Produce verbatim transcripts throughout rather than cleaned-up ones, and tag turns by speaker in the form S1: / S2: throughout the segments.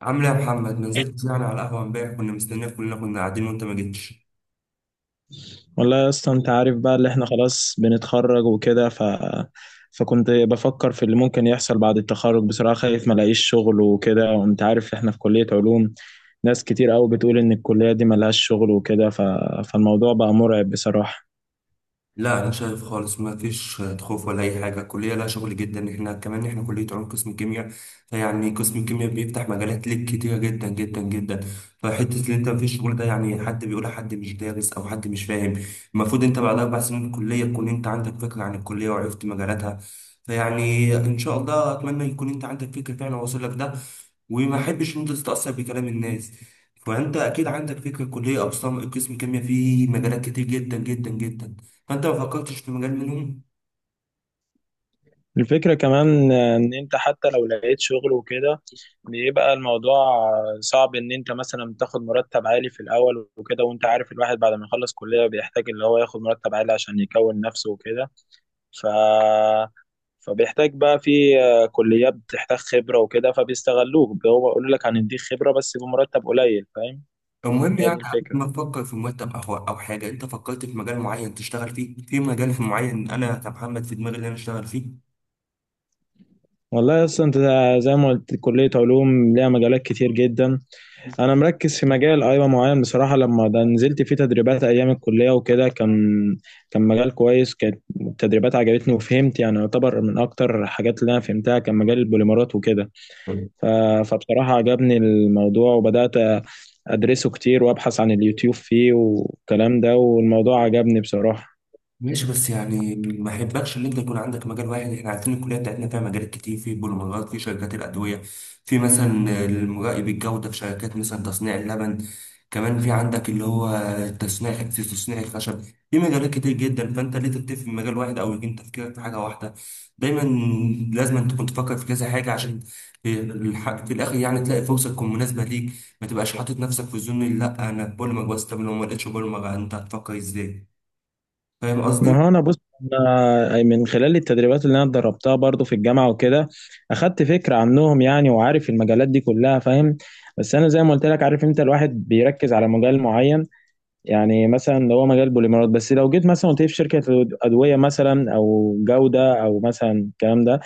S1: عامل ايه يا محمد؟ ما نزلتش يعني على القهوه امبارح، كنا مستنيك كلنا، كنا قاعدين وانت ما جيتش.
S2: والله يا اسطى، انت عارف بقى اللي احنا خلاص بنتخرج وكده ف... فكنت بفكر في اللي ممكن يحصل بعد التخرج. بصراحة خايف ما الاقيش شغل وكده، وانت عارف احنا في كلية علوم. ناس كتير قوي بتقول ان الكلية دي ملهاش شغل وكده ف... فالموضوع بقى مرعب بصراحة.
S1: لا انا شايف خالص ما فيش خوف ولا اي حاجه، الكليه لها شغل جدا، احنا كمان احنا كليه علوم قسم الكيمياء. فيعني قسم الكيمياء بيفتح مجالات ليك كتيره جدا جدا جدا. فحته ان انت ما فيش شغل ده يعني حد بيقول، حد مش دارس او حد مش فاهم. المفروض انت بعد اربع سنين من الكليه تكون انت عندك فكره عن الكليه وعرفت مجالاتها. فيعني ان شاء الله اتمنى يكون انت عندك فكره فعلا واصل لك ده، وما احبش ان انت تتاثر بكلام الناس. فانت اكيد عندك فكره الكليه اقسام، قسم كيمياء فيه مجالات كتير جدا جدا جدا. فانت ما فكرتش في مجال منهم؟
S2: الفكرة كمان ان انت حتى لو لقيت شغل وكده بيبقى الموضوع صعب، ان انت مثلا تاخد مرتب عالي في الاول وكده، وانت عارف الواحد بعد ما يخلص كلية بيحتاج اللي هو ياخد مرتب عالي عشان يكون نفسه وكده. ف فبيحتاج بقى في، آه، كليات بتحتاج خبرة وكده فبيستغلوك، هو بيقول لك هنديك خبرة بس بمرتب قليل، فاهم.
S1: المهم
S2: هي
S1: يعني
S2: دي
S1: قبل
S2: الفكرة.
S1: ما تفكر في مرتب او او حاجه، انت فكرت في مجال معين تشتغل فيه؟ في مجال في معين انا كمحمد في دماغي اللي انا اشتغل فيه.
S2: والله اصلا انت زي ما قلت كلية علوم ليها مجالات كتير جدا. انا مركز في مجال، ايوه، معين. بصراحة لما ده نزلت فيه تدريبات ايام الكلية وكده، كان كان مجال كويس، كانت التدريبات عجبتني وفهمت، يعني يعتبر من اكتر الحاجات اللي انا فهمتها كان مجال البوليمرات وكده. ف- فبصراحة عجبني الموضوع وبدأت أدرسه كتير وأبحث عن اليوتيوب فيه والكلام ده، والموضوع عجبني بصراحة.
S1: ماشي بس يعني ما يحبكش ان انت يكون عندك مجال واحد، احنا عارفين الكليه بتاعتنا فيها مجالات كتير، في بوليمرات، في شركات الادويه، في مثلا المراقب الجوده في شركات مثلا تصنيع اللبن، كمان في عندك اللي هو تصنيع، في تصنيع الخشب. في مجالات كتير جدا، فانت ليه تكتفي في مجال واحد او يكون تفكيرك في حاجه واحده؟ دايما لازم أن تكون تفكر في كذا حاجه، عشان في الح- في الاخر يعني تلاقي فرصه تكون مناسبه ليك. ما تبقاش حاطط نفسك في زون، لا انا بوليمر بس، طب لو ما لقيتش بوليمر انت هتفكر ازاي؟ فاهم قصدي؟
S2: ما هو أنا بص، أنا من خلال التدريبات اللي أنا اتدربتها برضو في الجامعة وكده أخدت فكرة عنهم يعني، وعارف المجالات دي كلها، فاهم. بس أنا زي ما قلت لك، عارف أنت الواحد بيركز على مجال معين. يعني مثلا لو هو مجال بوليمرات بس، لو جيت مثلا قلت لي في شركة أدوية مثلا أو جودة أو مثلا الكلام ده،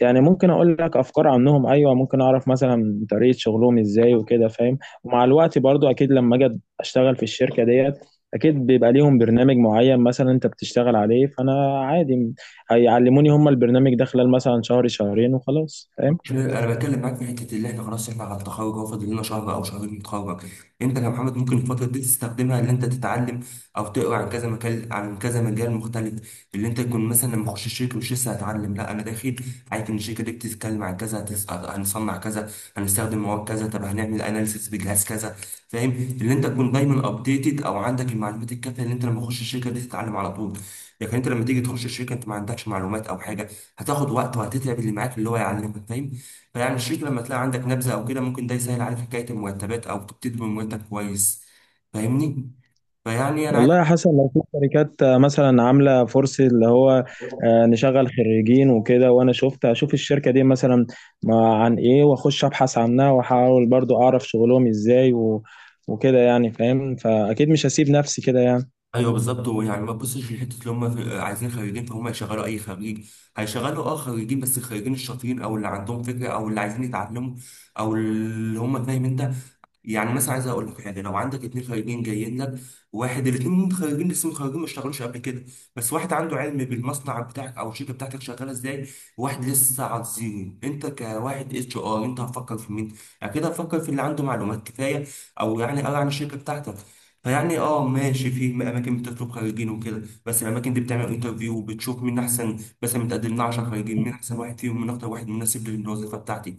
S2: يعني ممكن اقول لك افكار عنهم، ايوه، ممكن اعرف مثلا طريقه شغلهم ازاي وكده، فاهم. ومع الوقت برضو اكيد لما اجي اشتغل في الشركه ديت اكيد بيبقى ليهم برنامج معين مثلا انت بتشتغل عليه، فانا عادي هيعلموني هم البرنامج ده خلال مثلا شهر شهرين وخلاص، فاهم؟
S1: انا بتكلم معاك في حته اللي احنا خلاص احنا على التخرج، اهو فاضل لنا شهر او شهرين نتخرج. انت كمحمد ممكن الفتره دي تستخدمها ان انت تتعلم او تقرا عن كذا مجال، عن كذا مجال مختلف، اللي انت تكون مثلا لما اخش الشركه مش لسه هتعلم، لا انا داخل عارف ان الشركه دي بتتكلم عن كذا، هتس- هنصنع كذا، هنستخدم مواد كذا، طب هنعمل اناليسيس بجهاز كذا. فاهم؟ اللي انت تكون دايما ابديتد او عندك المعلومات الكافيه، اللي انت لما اخش الشركه دي تتعلم على طول. لكن انت لما تيجي تخش الشركه انت ما عندكش معلومات او حاجه، هتاخد وقت وهتتعب اللي معاك اللي هو يعلمك. فاهم؟ فيعني الشريك لما تلاقي عندك نبذة أو كده، ممكن ده يسهل عليك حكاية المرتبات أو تبتدي بمرتب كويس. فاهمني؟ فيعني أنا عايز.
S2: والله يا حسن، لو في شركات، آه، مثلا عامله فرصه اللي هو، آه، نشغل خريجين وكده، وانا شفت اشوف الشركه دي مثلا ما- عن ايه، واخش ابحث عنها واحاول برضو اعرف شغلهم ازاي و وكده يعني، فاهم. فاكيد مش هسيب نفسي كده يعني.
S1: أيوه بالظبط، ويعني ما تبصش لحتة اللي هم في- عايزين خريجين فهم يشغلوا أي خريج. هيشغلوا أه خريجين، بس الخريجين الشاطرين أو اللي عندهم فكرة أو اللي عايزين يتعلموا أو اللي هم فاهم أنت. يعني مثلا عايز اقول لك حاجه، لو عندك اتنين خريجين جايين لك، واحد، الاتنين خريجين لسه متخرجين ما اشتغلوش قبل كده، بس واحد عنده علم بالمصنع بتاعك او الشركه بتاعتك شغاله ازاي، وواحد لسه على الزيرو، انت كواحد اتش ار انت هتفكر في مين؟ اكيد هتفكر في اللي عنده معلومات كفايه او يعني قرا عن الشركه بتاعتك. فيعني اه ماشي، في اماكن بتطلب خريجين وكده، بس الاماكن دي بتعمل انترفيو وبتشوف مين احسن. مثلا متقدم لنا عشر خريجين، مين احسن واحد فيهم، مين اكتر واحد مناسب للوظيفه بتاعتي.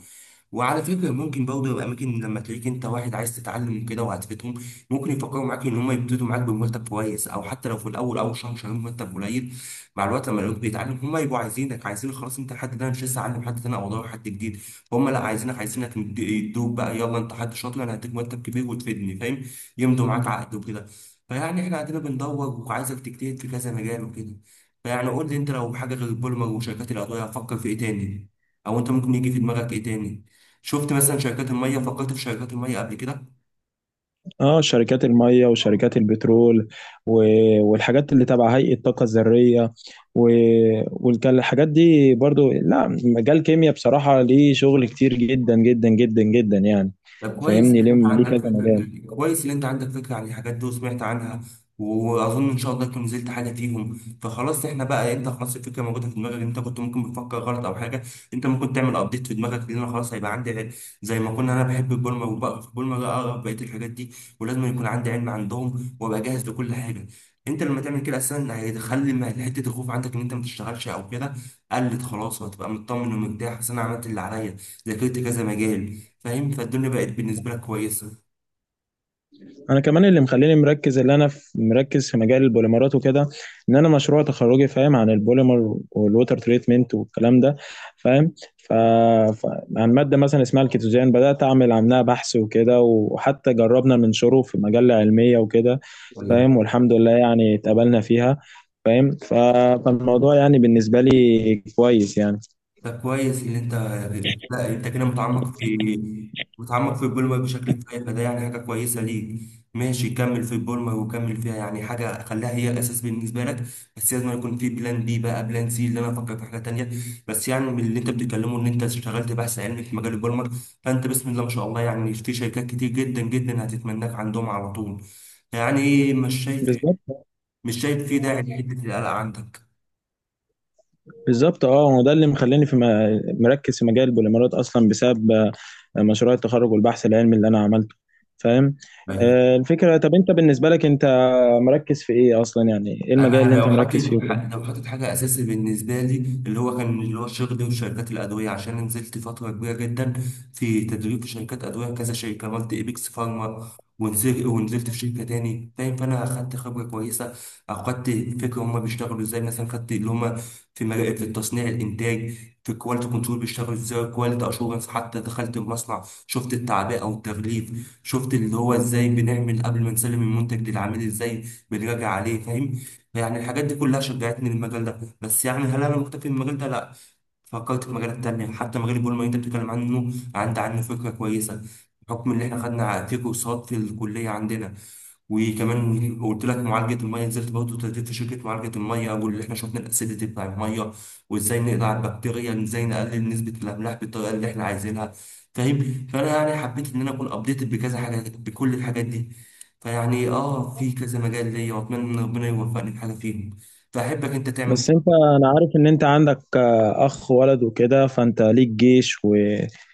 S1: وعلى فكرة ممكن برضه يبقى أماكن لما تلاقيك أنت واحد عايز تتعلم كده وعاتبتهم، ممكن يفكروا معاك إن هم يبتدوا معاك بمرتب كويس، أو حتى لو في الأول أول شهر شهرين مرتب قليل، مع الوقت لما يلاقوك بيتعلم هم يبقوا عايزينك، عايزين خلاص أنت حد ده، أنا مش لسه أعلم حد تاني أو أدور حد جديد. فهم لا عايزينك عايزينك، يد- يدوك بقى، يلا أنت حد شاطر، أنا هديك مرتب كبير وتفيدني. فاهم؟ يمضوا معاك عقد وكده. فيعني إحنا عندنا بندور وعايزك تجتهد في كذا مجال وكده. فيعني قول لي أنت لو حاجة غير البوليمر وشركات الأدوية هتفكر في إيه تاني؟ أو أنت ممكن يجي في دماغك إيه تاني؟ شفت مثلا شركات الميه؟ فكرت في شركات الميه قبل كده؟
S2: اه، شركات الميه وشركات البترول و... والحاجات اللي تبع هيئه الطاقه الذريه و... والحاجات دي برضو، لا مجال كيمياء بصراحه ليه شغل كتير جدا جدا جدا جدا يعني.
S1: طب كويس ان
S2: فاهمني، ليه
S1: انت
S2: ليه
S1: عندك
S2: كذا مجال.
S1: فكره، كويس ان انت عندك فكره عن الحاجات دي وسمعت عنها. واظن ان شاء الله تكون نزلت حاجه فيهم. فخلاص احنا بقى، انت خلاص الفكره موجوده في دماغك، انت كنت ممكن بتفكر غلط او حاجه، انت ممكن تعمل ابديت في دماغك، لان أنا خلاص هيبقى عندي علم. زي ما كنا انا بحب البولمه وبقرا في البولمه، لا اقرا في بقيه الحاجات دي ولازم يكون عندي علم عندهم وابقى جاهز لكل حاجه. انت لما تعمل كده اصلا هيخلي ما- حته الخوف عندك ان انت ما تشتغلش او كده، قلت خلاص، وهتبقى مطمن ومرتاح، اصل انا عملت اللي عليا، ذاكرت كذا مجال. فاهم؟ فالدنيا بقت بالنسبة لك كويسة.
S2: انا كمان اللي مخليني مركز، اللي انا في مركز في مجال البوليمرات وكده، ان انا مشروع تخرجي، فاهم، عن البوليمر والووتر تريتمنت والكلام ده، فاهم. ف... ف... عن ماده مثلا اسمها الكيتوزان بدات اعمل عنها بحث وكده، وحتى جربنا ننشره في مجله علميه وكده،
S1: طيب،
S2: فاهم. والحمد لله يعني اتقبلنا فيها، فاهم. ف... فالموضوع يعني بالنسبه لي كويس يعني.
S1: ده كويس اللي انت، لا انت كده متعمق في متعمق في البولما بشكل كفاية، فده يعني حاجة كويسة ليك. ماشي، كمل في البولما وكمل فيها، يعني حاجة خليها هي أساس بالنسبة لك، بس لازم يكون في بلان بي بقى، بلان سي، اللي أنا أفكر في حاجة تانية. بس يعني من اللي أنت بتتكلمه إن أنت اشتغلت بحث علمي في مجال البولما، فأنت بسم الله ما شاء الله يعني في شركات كتير جدا جدا هتتمناك عندهم على طول. يعني مش شايف
S2: بالظبط.
S1: مش شايف في داعي لحتة القلق عندك.
S2: بالظبط، اه، هو ده اللي مخليني في م- مركز في مجال البوليمرات اصلا، بسبب آه، مشروع التخرج والبحث العلمي اللي انا عملته، فاهم.
S1: أيوة.
S2: آه، الفكره، طب انت بالنسبه لك، انت مركز في ايه اصلا، يعني ايه المجال اللي
S1: انا
S2: انت
S1: لو
S2: مركز
S1: حطيت
S2: فيه وكده.
S1: لو حطيت حاجه اساسي بالنسبه لي اللي هو كان اللي هو شغلي وشركات الادويه، عشان نزلت فتره كبيره جدا في تدريب في شركات ادويه، كذا شركه، عملت ايبكس فارما، ونزلت ونزلت في شركه تاني. فاهم؟ فانا اخدت خبره كويسه او خدت فكره هما بيشتغلوا ازاي، مثلا خدت اللي هما في مراقب في التصنيع الانتاج، في الكواليتي كنترول بيشتغلوا ازاي، كواليتي اشورنس، حتى دخلت المصنع شفت التعبئه او التغليف، شفت اللي هو ازاي بنعمل قبل ما نسلم المنتج للعميل، ازاي بنراجع عليه. فاهم؟ يعني الحاجات دي كلها شجعتني للمجال ده، بس يعني هل انا مكتفي بالمجال ده؟ لا، فكرت في مجالات تانية، حتى مجال البول اللي انت بتتكلم عنه عندي عنه فكرة كويسة، بحكم ان احنا خدنا في كورسات في الكلية عندنا. وكمان قلت لك معالجه الميه، نزلت برضه تدريب في شركه معالجه الميه، واللي احنا شفنا الاسيديتي بتاع الميه، وازاي نقضي على البكتيريا، ازاي نقلل نسبه الاملاح بالطريقه اللي احنا عايزينها. فاهم؟ فانا يعني حبيت ان انا اكون ابديتد بكذا حاجه، بكل الحاجات دي. فيعني اه في كذا مجال ليا، واتمنى ان ربنا يوفقني في حاجه فيهم. فاحبك انت تعمل
S2: بس
S1: كده.
S2: انت، انا عارف ان انت عندك، آه، اخ ولد وكده، فانت ليك جيش ويعني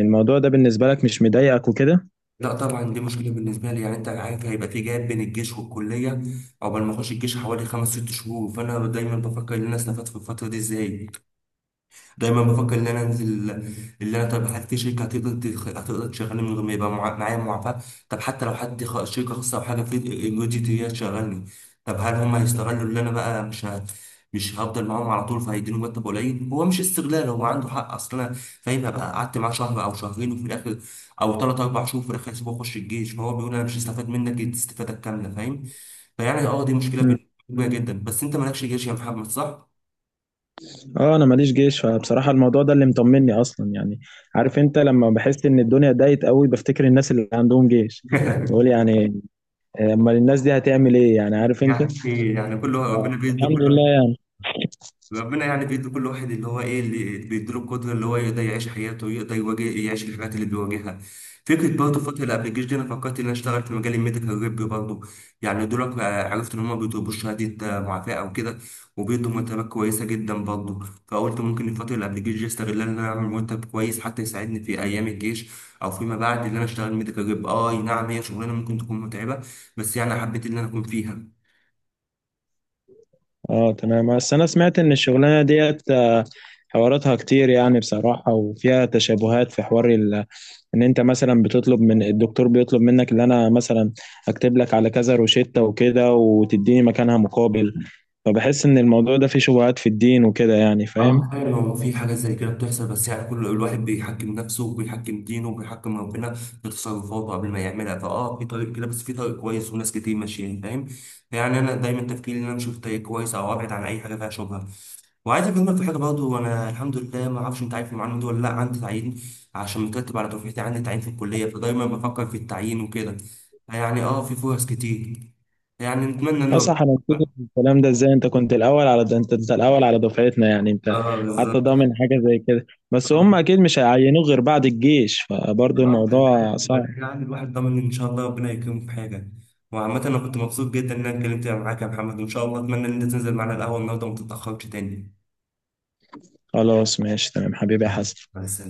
S2: الموضوع ده بالنسبه لك مش مضايقك وكده.
S1: لا طبعا، دي مشكله بالنسبه لي يعني، انت عارف هيبقى في جاب بين الجيش والكليه، عقبال ما اخش الجيش حوالي خمس ست شهور. فانا دايما بفكر ان انا استفدت في الفتره دي ازاي. دايما بفكر ان انا انزل، اللي انا طب حتى في شركه هتقدر تخ- هتقدر تشغلني من غير ما يبقى مع- معايا معافاه. طب حتى لو حد خ- شركه خاصه او حاجه في الجودي هي تشغلني، طب هل هم هيستغلوا اللي انا بقى مش ه... مش هفضل معاهم على طول فهيديني مرتب قليل، هو مش استغلال هو عنده حق، اصل انا، فاهم، هبقى قعدت معاه شهر او شهرين وفي الاخر او ثلاث اربع شهور في الاخر هسيبه يخش الجيش، فهو بيقول انا مش هستفاد منك الاستفاده الكامله. فاهم؟ فيعني اه دي مشكله
S2: مم.
S1: بالنسبه لي كبيره جدا، بس انت مالكش جيش يا محمد صح؟
S2: اه، انا ماليش جيش، فبصراحه الموضوع ده اللي مطمني اصلا يعني. عارف انت، لما بحس ان الدنيا ضايقت قوي بفتكر الناس اللي عندهم جيش، بقول يعني، آه، امال الناس دي هتعمل ايه يعني، عارف انت.
S1: يعني يعني كل واحد-
S2: آه،
S1: ربنا بيدي
S2: الحمد
S1: كل واحد،
S2: لله يعني.
S1: ربنا يعني بيدي كل واحد اللي هو ايه اللي بيدي له القدره اللي هو يقدر يعيش حياته ويقدر يواجه يعيش الحاجات اللي بيواجهها. فكره برضه فتره قبل الجيش دي انا فكرت ان انا اشتغل في مجال الميديكال ريب برضه، يعني دول عرفت ان هم بيطلبوا شهاده معافاه او كده، وبيدوا مرتبات كويسه جدا برضه. فقلت ممكن الفتره اللي قبل الجيش دي استغلها ان انا اعمل مرتب كويس حتى يساعدني في ايام الجيش، او فيما بعد ان انا اشتغل ميديكال ريب. اه نعم هي شغلانه ممكن تكون متعبه، بس يعني حبيت ان انا اكون فيها.
S2: اه تمام، بس انا سمعت ان الشغلانه ديت، آه، حواراتها كتير يعني بصراحه، وفيها تشابهات في حوار ال- ان انت مثلا بتطلب من الدكتور، بيطلب منك ان انا مثلا اكتب لك على كذا روشته وكده وتديني مكانها مقابل. فبحس ان الموضوع ده فيه شبهات في الدين وكده يعني، فاهم.
S1: اه فعلا، هو في حاجات زي كده بتحصل، بس يعني كل الواحد بيحكم نفسه وبيحكم دينه وبيحكم ربنا في تصرفاته قبل ما يعملها، فاه في طريق كده، بس في طريق كويس وناس كتير ماشيين. فاهم؟ يعني انا دايما تفكيري ان انا اشوف طريق كويس او ابعد عن اي حاجه فيها شبهه. وعايز اكلمك في حاجه برضه، وانا الحمد لله ما اعرفش انت عارف المعلومه دي ولا لا، عندي تعيين عشان مترتب على دفعتي، عندي تعيين في الكليه، فدايما بفكر في التعيين وكده، يعني اه في فرص كتير، يعني نتمنى ان
S2: لا
S1: ربنا.
S2: صح، انا متفق في الكلام ده. ازاي انت كنت الاول على ده، انت انت الاول على دفعتنا يعني، انت
S1: اه بالظبط.
S2: حتى ضامن حاجه زي كده. بس هم اكيد مش هيعينوه غير بعد الجيش، فبرضه
S1: اه.
S2: الموضوع
S1: بعدين
S2: صعب.
S1: يعني الواحد ضامن ان شاء الله ربنا يكرمه في حاجه. وعامة انا كنت مبسوط جدا ان انا اتكلمت معاك يا محمد، وان شاء الله اتمنى ان انت تنزل معنا القهوه النهارده وما تتاخرش تاني.
S2: خلاص، ماشي تمام، حبيبي يا حسن.
S1: مع السلامه.